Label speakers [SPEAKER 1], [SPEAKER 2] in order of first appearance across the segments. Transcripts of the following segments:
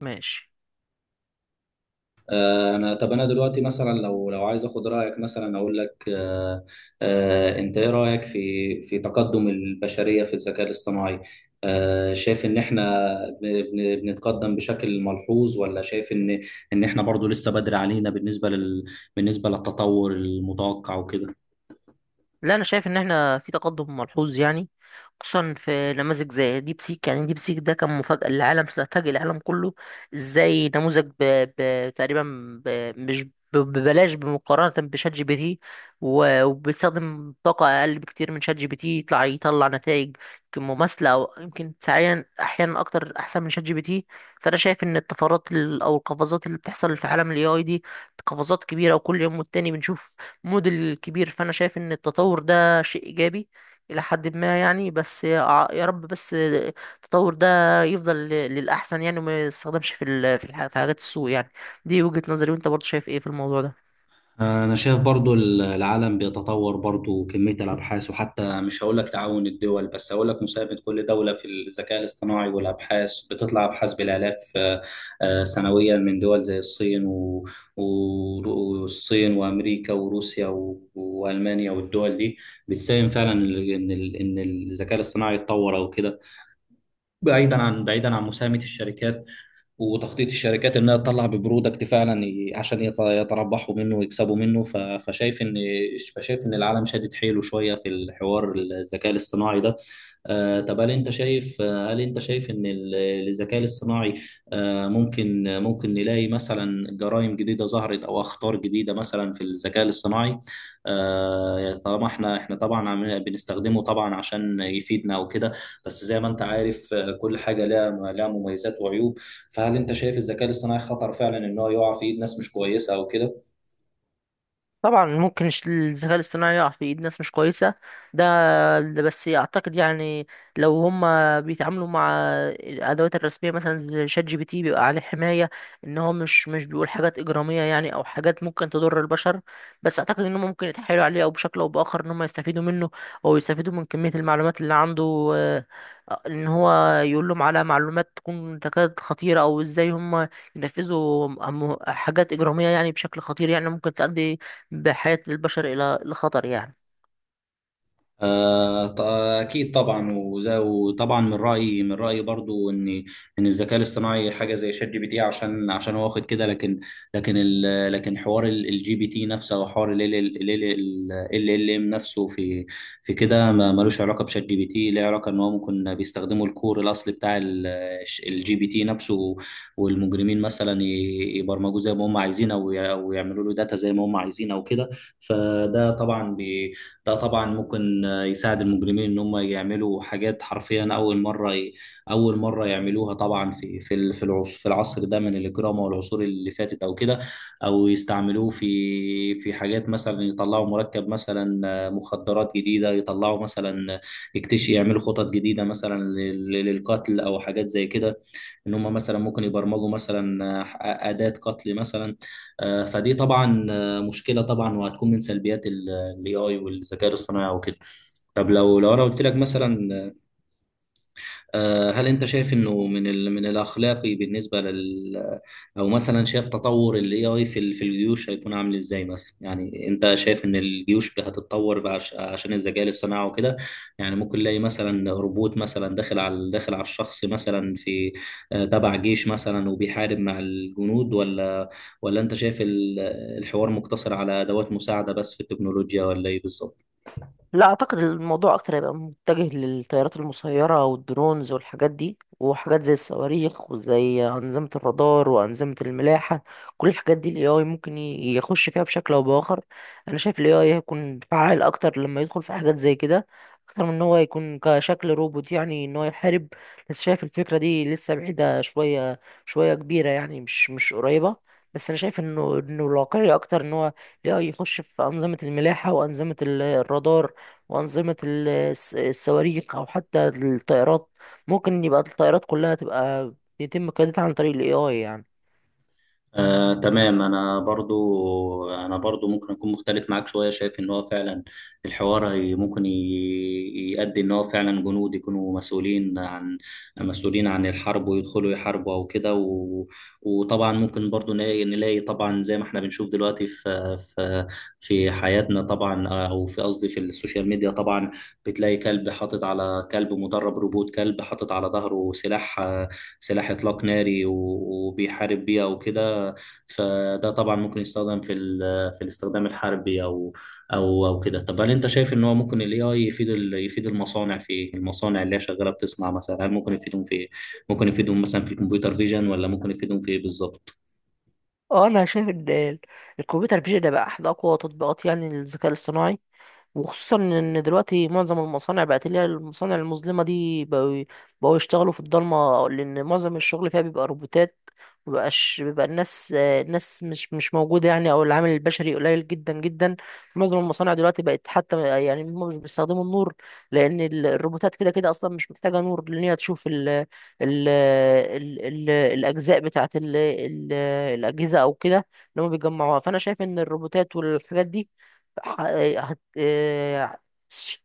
[SPEAKER 1] ماشي.
[SPEAKER 2] طب انا دلوقتي مثلا لو عايز اخد رايك، مثلا اقول لك انت ايه رايك في تقدم البشريه في الذكاء الاصطناعي؟ شايف ان احنا بنتقدم بشكل ملحوظ، ولا شايف ان ان احنا برضو لسه بدري علينا بالنسبه للتطور المتوقع وكده؟
[SPEAKER 1] لا، انا شايف ان احنا في تقدم ملحوظ يعني، خصوصا في نماذج زي ديب سيك. يعني ديب سيك ده كان مفاجأة للعالم، فاجئ العالم كله. ازاي نموذج تقريبا مش ببلاش بمقارنة بشات جي بي تي، وبيستخدم طاقة أقل بكتير من شات جي بي تي، يطلع نتائج يمكن مماثلة أو يمكن ساعيا أحيانا أكتر أحسن من شات جي بي تي. فأنا شايف إن الطفرات أو القفزات اللي بتحصل في عالم ال AI دي قفزات كبيرة، وكل يوم والتاني بنشوف موديل كبير. فانا شايف ان التطور ده شيء ايجابي الى حد ما يعني، بس يا رب بس التطور ده يفضل للاحسن يعني، وما يستخدمش في ال- في الح- في حاجات السوء يعني. دي وجهة نظري، وانت برضه شايف ايه في الموضوع ده؟
[SPEAKER 2] أنا شايف برضو العالم بيتطور، برضو كمية الأبحاث، وحتى مش هقول لك تعاون الدول، بس هقول لك مساهمة كل دولة في الذكاء الاصطناعي، والأبحاث بتطلع أبحاث بالآلاف سنويا، من دول زي الصين والصين وأمريكا وروسيا وألمانيا، والدول دي بتساهم فعلا إن الذكاء الاصطناعي يتطور أو كده، بعيدا عن مساهمة الشركات، وتخطيط الشركات انها تطلع ببرودكت فعلا، عشان يتربحوا منه ويكسبوا منه، فشايف ان العالم شادد حيله شويه في الحوار الذكاء الاصطناعي ده. طب، هل انت شايف ان الذكاء الاصطناعي ممكن نلاقي مثلا جرائم جديده ظهرت، او اخطار جديده مثلا في الذكاء الاصطناعي؟ طالما احنا طبعا بنستخدمه، طبعا عشان يفيدنا وكده، بس زي ما انت عارف كل حاجه لها مميزات وعيوب، فهل انت شايف الذكاء الاصطناعي خطر فعلا ان هو يقع في ايد ناس مش كويسه او كده؟
[SPEAKER 1] طبعا ممكن الذكاء الاصطناعي يقع في ايد ناس مش كويسه. ده ده بس اعتقد يعني، لو هم بيتعاملوا مع الادوات الرسميه مثلا زي شات جي بي تي، بيبقى عليه حمايه ان هو مش بيقول حاجات اجراميه يعني، او حاجات ممكن تضر البشر. بس اعتقد ان هم ممكن يتحايلوا عليه، او بشكل او باخر ان هم يستفيدوا منه، او يستفيدوا من كميه المعلومات اللي عنده، ان هو يقول لهم على معلومات تكون تكاد خطيره، او ازاي هم ينفذوا حاجات اجراميه يعني بشكل خطير، يعني ممكن تؤدي بحياة البشر إلى الخطر يعني.
[SPEAKER 2] آه، ط- أكيد طبعا، وطبعا من رأيي برضو إن الذكاء الاصطناعي حاجة زي شات جي بي تي، عشان هو واخد كده، لكن، لكن ال لكن حوار الجي بي تي نفسه، أو حوار ال ام نفسه في، كده ملوش علاقة بشات جي بي تي، ليه علاقة إن هو ممكن بيستخدموا الكور الأصلي بتاع الجي بي تي نفسه، والمجرمين مثلا يبرمجوه زي ما هم عايزين، أو أو يعملوا له داتا زي ما هم عايزين أو كده. فده طبعا ده طبعا ممكن يساعد المجرمين ان هم يعملوا حاجات حرفيا اول مره يعملوها، طبعا في العصر ده من الاجرام، والعصور اللي فاتت او كده، او يستعملوه في حاجات، مثلا يطلعوا مركب، مثلا مخدرات جديده يطلعوا، مثلا يكتشف، يعملوا خطط جديده مثلا للقتل او حاجات زي كده، ان هم مثلا ممكن يبرمجوا مثلا اداه قتل مثلا. فدي طبعا مشكله طبعا، وهتكون من سلبيات الاي اي والذكاء الاصطناعي وكده. طب لو انا قلت لك مثلا، هل انت شايف انه من من الاخلاقي بالنسبه لل او مثلا شايف تطور الاي اي في في الجيوش هيكون عامل ازاي مثلا؟ يعني انت شايف ان الجيوش هتتطور عشان الذكاء الاصطناعي وكده؟ يعني ممكن نلاقي مثلا روبوت، مثلا داخل على الشخص مثلا في تبع جيش مثلا، وبيحارب مع الجنود، ولا انت شايف الحوار مقتصر على ادوات مساعده بس في التكنولوجيا، ولا ايه بالظبط؟
[SPEAKER 1] لا، اعتقد الموضوع اكتر هيبقى متجه للطيارات المسيره والدرونز والحاجات دي، وحاجات زي الصواريخ، وزي انظمه الرادار، وانظمه الملاحه. كل الحاجات دي الاي اي ممكن يخش فيها بشكل او باخر. انا شايف الاي اي هيكون فعال اكتر لما يدخل في حاجات زي كده، اكتر من ان هو يكون كشكل روبوت يعني ان هو يحارب. بس شايف الفكره دي لسه بعيده شويه، شويه كبيره يعني، مش قريبه. بس انا شايف انه الواقعي اكتر ان هو الاي اي يخش في انظمه الملاحه، وانظمه الرادار، وأنظمة الصواريخ، أو حتى الطائرات. ممكن يبقى الطائرات كلها تبقى بيتم قيادتها عن طريق ال AI يعني.
[SPEAKER 2] تمام، انا برضو ممكن اكون مختلف معاك شويه، شايف ان هو فعلا الحوار ممكن يؤدي ان هو فعلا جنود يكونوا مسؤولين عن، الحرب، ويدخلوا يحاربوا او كده، وطبعا ممكن برضو نلاقي طبعا زي ما احنا بنشوف دلوقتي في في حياتنا طبعا، او في قصدي في السوشيال ميديا طبعا، بتلاقي كلب مدرب روبوت كلب حاطط على ظهره سلاح اطلاق ناري، وبيحارب بيه او كده، فده طبعا ممكن يستخدم في في الاستخدام الحربي، او كده. طب هل انت شايف ان هو ممكن الاي اي يفيد يفيد المصانع في إيه؟ المصانع اللي هي شغاله بتصنع مثلا، هل ممكن يفيدهم في إيه؟ ممكن يفيدهم مثلا في الكمبيوتر فيجن، ولا ممكن يفيدهم في ايه بالظبط؟
[SPEAKER 1] اه، انا شايف ان الكمبيوتر فيجن ده بقى احد اقوى تطبيقات يعني الذكاء الاصطناعي. وخصوصا ان دلوقتي معظم المصانع بقت، اللي هي المصانع المظلمه دي، بقوا يشتغلوا في الضلمه، لان معظم الشغل فيها بيبقى روبوتات، مبقاش بيبقى الناس. الناس مش موجوده يعني، او العامل البشري قليل جدا جدا. معظم المصانع دلوقتي بقت، حتى يعني هم مش بيستخدموا النور، لان الروبوتات كده كده اصلا مش محتاجه نور، لان هي تشوف ال ال ال ال الاجزاء بتاعت ال ال الاجهزه او كده، اللي هم بيجمعوها. فانا شايف ان الروبوتات والحاجات دي ح- هت- آه،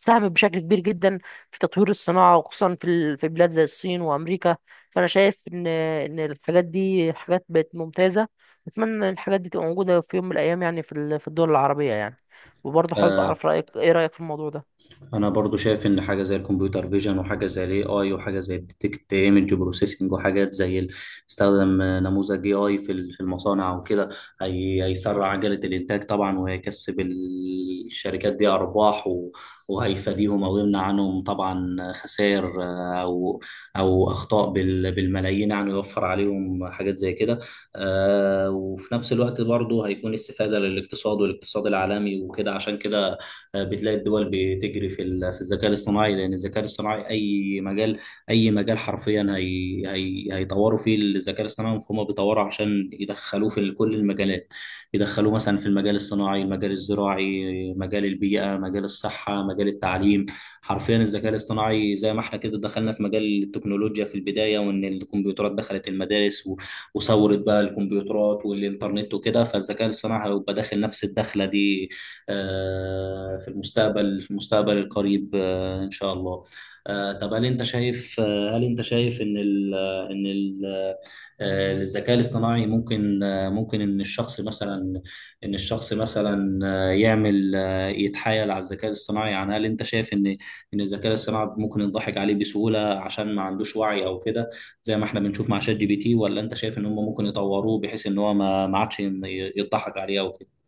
[SPEAKER 1] ساهمت بشكل كبير جدا في تطوير الصناعة، وخصوصا في بلاد زي الصين وأمريكا. فأنا شايف إن الحاجات دي حاجات بقت ممتازة. أتمنى إن الحاجات دي تبقى موجودة في يوم من الأيام يعني، في الدول العربية يعني. وبرضه حابب
[SPEAKER 2] آه،
[SPEAKER 1] أعرف رأيك، إيه رأيك في الموضوع ده؟
[SPEAKER 2] انا برضو شايف ان حاجه زي الكمبيوتر فيجن، وحاجه زي الاي اي، وحاجه زي الديتكت ايمج بروسيسنج، وحاجات زي استخدم نموذج اي اي في في المصانع وكده، هيسرع عجله الانتاج طبعا، وهيكسب الشركات دي ارباح، وهيفاديهم او يمنع عنهم طبعا خسائر، او اخطاء بالملايين، يعني يوفر عليهم حاجات زي كده. وفي نفس الوقت برضو هيكون استفاده للاقتصاد والاقتصاد العالمي وكده، عشان كده بتلاقي الدول بتجري في في الذكاء الاصطناعي، لان الذكاء الاصطناعي اي مجال، حرفيا هي هي هيطوروا فيه الذكاء الاصطناعي، فهم بيطوروا عشان يدخلوه في كل المجالات، يدخلوه مثلا في المجال الصناعي، المجال الزراعي، مجال البيئة، مجال الصحة، مجال التعليم، حرفيا الذكاء الاصطناعي زي ما احنا كده دخلنا في مجال التكنولوجيا في البداية، وان الكمبيوترات دخلت المدارس، وصورت بقى الكمبيوترات والانترنت وكده، فالذكاء الاصطناعي هيبقى داخل نفس الدخلة دي في المستقبل، في المستقبل القريب ان شاء الله. طب، هل انت شايف ان ال آه، ان ال آه، آه، الذكاء الاصطناعي ممكن، ممكن ان الشخص مثلا، آه، يعمل آه، يتحايل على الذكاء الاصطناعي. يعني هل انت شايف ان الذكاء الاصطناعي ممكن يضحك عليه بسهولة، عشان ما عندوش وعي او كده، زي ما احنا بنشوف مع شات جي بي تي؟ ولا انت شايف ان هم ممكن يطوروه بحيث ان هو ما عادش يضحك عليه او كده؟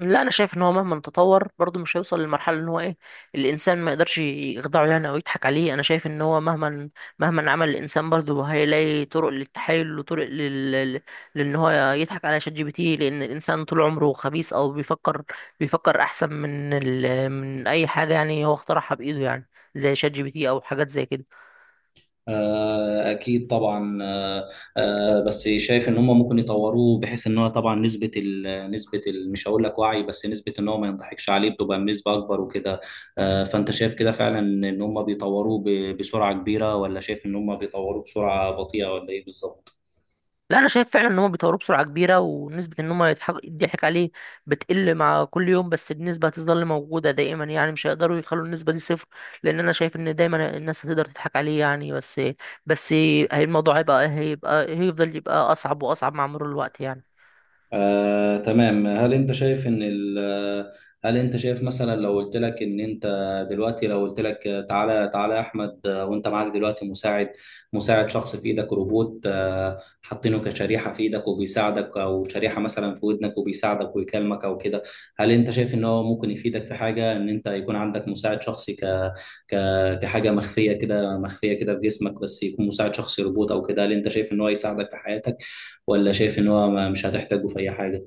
[SPEAKER 1] لا، انا شايف ان هو مهما تطور برضه مش هيوصل للمرحله ان هو ايه، الانسان ما يقدرش يخدعه يعني او يضحك عليه. انا شايف ان هو مهما عمل الانسان برضه هيلاقي طرق للتحايل، وطرق لان هو يضحك على شات جي بي تي، لان الانسان طول عمره خبيث، او بيفكر احسن من اي حاجه يعني هو اخترعها بايده يعني، زي شات جي بي تي او حاجات زي كده.
[SPEAKER 2] أكيد طبعا، بس شايف إن هم ممكن يطوروه بحيث إن هو طبعا نسبة، ال نسبة ال مش هقول لك وعي، بس نسبة إن هو ما ينضحكش عليه بتبقى بنسبة أكبر وكده. فأنت شايف كده فعلا إن هم بيطوروه بسرعة كبيرة، ولا شايف إن هم بيطوروه بسرعة بطيئة، ولا إيه بالظبط؟
[SPEAKER 1] لا، انا شايف فعلا ان هم بيطوروه بسرعه كبيره، ونسبه ان هم يضحك عليه بتقل مع كل يوم. بس النسبه هتظل موجوده دائما يعني، مش هيقدروا يخلوا النسبه دي صفر، لان انا شايف ان دايما الناس هتقدر تضحك عليه يعني. بس الموضوع هيبقى هيفضل يبقى اصعب واصعب مع مرور الوقت يعني.
[SPEAKER 2] تمام. هل انت شايف ان ال آه، هل انت شايف مثلا لو قلت لك تعالى تعالى يا احمد، وانت معاك دلوقتي مساعد شخص في ايدك روبوت، حاطينه كشريحة في ايدك وبيساعدك، او شريحة مثلا في ودنك وبيساعدك ويكلمك او كده، هل انت شايف ان هو ممكن يفيدك في حاجة، ان انت يكون عندك مساعد شخصي ك... كحاجة مخفية كده، في جسمك، بس يكون مساعد شخصي روبوت او كده؟ هل انت شايف ان هو يساعدك في حياتك، ولا شايف ان هو مش هتحتاجه في اي حاجه؟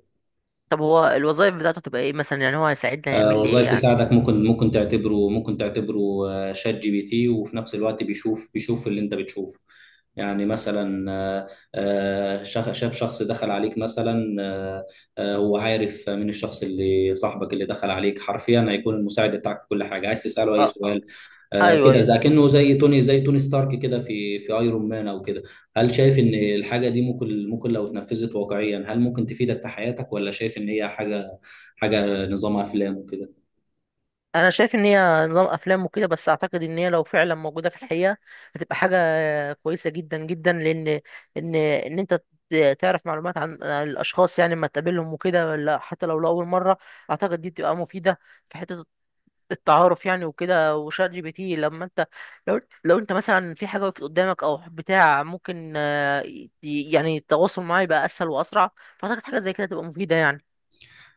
[SPEAKER 1] طب هو الوظائف بتاعته تبقى ايه مثلا؟ يعني هو هيساعدنا يعمل لي ايه
[SPEAKER 2] وظائف
[SPEAKER 1] يعني؟
[SPEAKER 2] يساعدك، ممكن تعتبره شات جي بي تي، وفي نفس الوقت بيشوف اللي انت بتشوفه، يعني مثلا شاف شخص دخل عليك مثلا، هو عارف من الشخص، اللي صاحبك اللي دخل عليك، حرفيا هيكون المساعد بتاعك في كل حاجه، عايز تساله اي
[SPEAKER 1] اه آه.
[SPEAKER 2] سؤال. آه
[SPEAKER 1] ايوه،
[SPEAKER 2] كده،
[SPEAKER 1] ايوه.
[SPEAKER 2] زي كأنه زي توني ستارك كده في ايرون مان او كده. هل شايف ان الحاجه دي ممكن، ممكن لو اتنفذت واقعيا، هل ممكن تفيدك في حياتك، ولا شايف ان هي حاجه، نظام افلام وكده؟
[SPEAKER 1] انا شايف ان هي نظام افلام وكده، بس اعتقد ان هي لو فعلا موجوده في الحقيقه، هتبقى حاجه كويسه جدا جدا. لان ان انت تعرف معلومات عن الاشخاص يعني لما تقابلهم وكده، ولا حتى لو لاول مره، اعتقد دي بتبقى مفيده في حته التعارف يعني وكده. وشات جي بي تي لما انت لو انت مثلا في حاجه وقفت قدامك او بتاع، ممكن يعني التواصل معاه يبقى اسهل واسرع. فاعتقد حاجه زي كده تبقى مفيده يعني.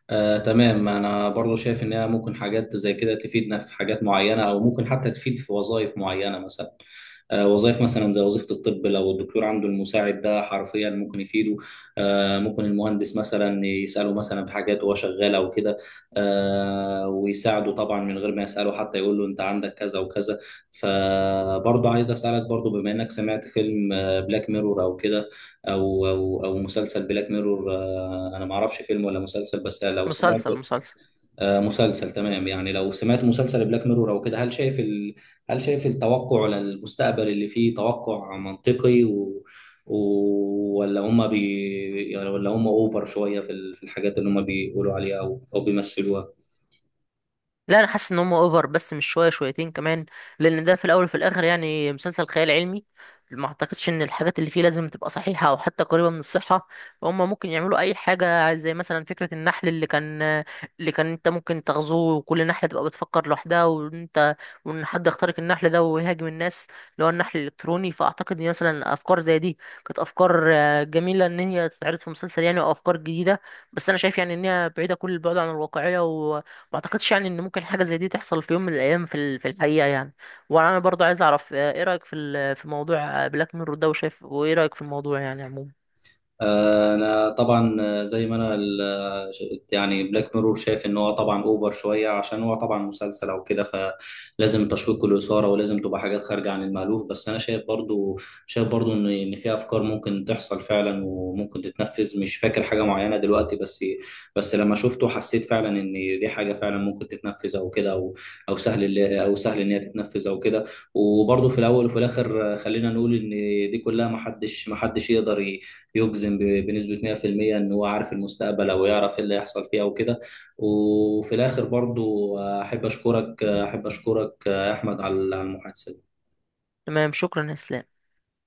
[SPEAKER 2] تمام، انا برضو شايف ان هي ممكن حاجات زي كده تفيدنا في حاجات معينه، او ممكن حتى تفيد في وظائف معينه مثلا، وظائف مثلا زي وظيفه الطب، لو الدكتور عنده المساعد ده حرفيا ممكن يفيده، ممكن المهندس مثلا يساله مثلا في حاجات وهو شغال او كده، ويساعده طبعا من غير ما يساله حتى، يقول له انت عندك كذا وكذا. فبرضو عايز اسالك برضو، بما انك سمعت فيلم بلاك ميرور او كده، او مسلسل بلاك ميرور، انا ما اعرفش فيلم ولا مسلسل، بس لو سمعت
[SPEAKER 1] مسلسل، مسلسل.
[SPEAKER 2] مسلسل، تمام، يعني لو سمعت مسلسل بلاك ميرور او كده، هل شايف هل شايف التوقع للمستقبل اللي فيه توقع منطقي، و... ولا هم بي... يعني ولا هم اوفر شوية في في الحاجات اللي هم بيقولوا عليها، او بيمثلوها؟
[SPEAKER 1] لا، انا حاسس ان هم اوفر، بس مش شويه، شويتين كمان. لان ده في الاول وفي الاخر يعني مسلسل خيال علمي، ما اعتقدش ان الحاجات اللي فيه لازم تبقى صحيحه او حتى قريبه من الصحه. فهم ممكن يعملوا اي حاجه، زي مثلا فكره النحل اللي كان انت ممكن تغزوه، وكل نحله تبقى بتفكر لوحدها، وانت وان حد يخترق النحل ده ويهاجم الناس، اللي هو النحل الالكتروني. فاعتقد ان مثلا افكار زي دي كانت افكار جميله ان هي تتعرض في مسلسل يعني، وافكار جديده. بس انا شايف يعني ان هي بعيده كل البعد عن الواقعيه. ما اعتقدش يعني ان ممكن حاجه زي دي تحصل في يوم من الايام في الحقيقه يعني. وانا برضو عايز اعرف ايه رايك في موضوع بلاك ميرور ده، وشايف وايه رايك في الموضوع يعني عموما؟
[SPEAKER 2] انا طبعا آه، زي ما انا ال- آه، يعني بلاك ميرور شايف ان هو طبعا اوفر شويه، عشان هو طبعا مسلسل او كده، فلازم التشويق والاثاره، ولازم تبقى حاجات خارجه عن المألوف، بس انا شايف برضو، ان في افكار ممكن تحصل فعلا، وممكن تتنفذ، مش فاكر حاجه معينه دلوقتي، بس لما شفته حسيت فعلا ان دي حاجه فعلا ممكن تتنفذ او كده، او او سهل ان هي تتنفذ او كده. وبرضو في الاول وفي الاخر، خلينا نقول ان دي كلها محدش يقدر يجزم بنسبة 100% إن هو عارف المستقبل، أو يعرف إيه اللي هيحصل فيه أو كده. وفي الآخر برضو أحب أشكرك يا أحمد على المحادثة.
[SPEAKER 1] تمام. شكرا يا اسلام.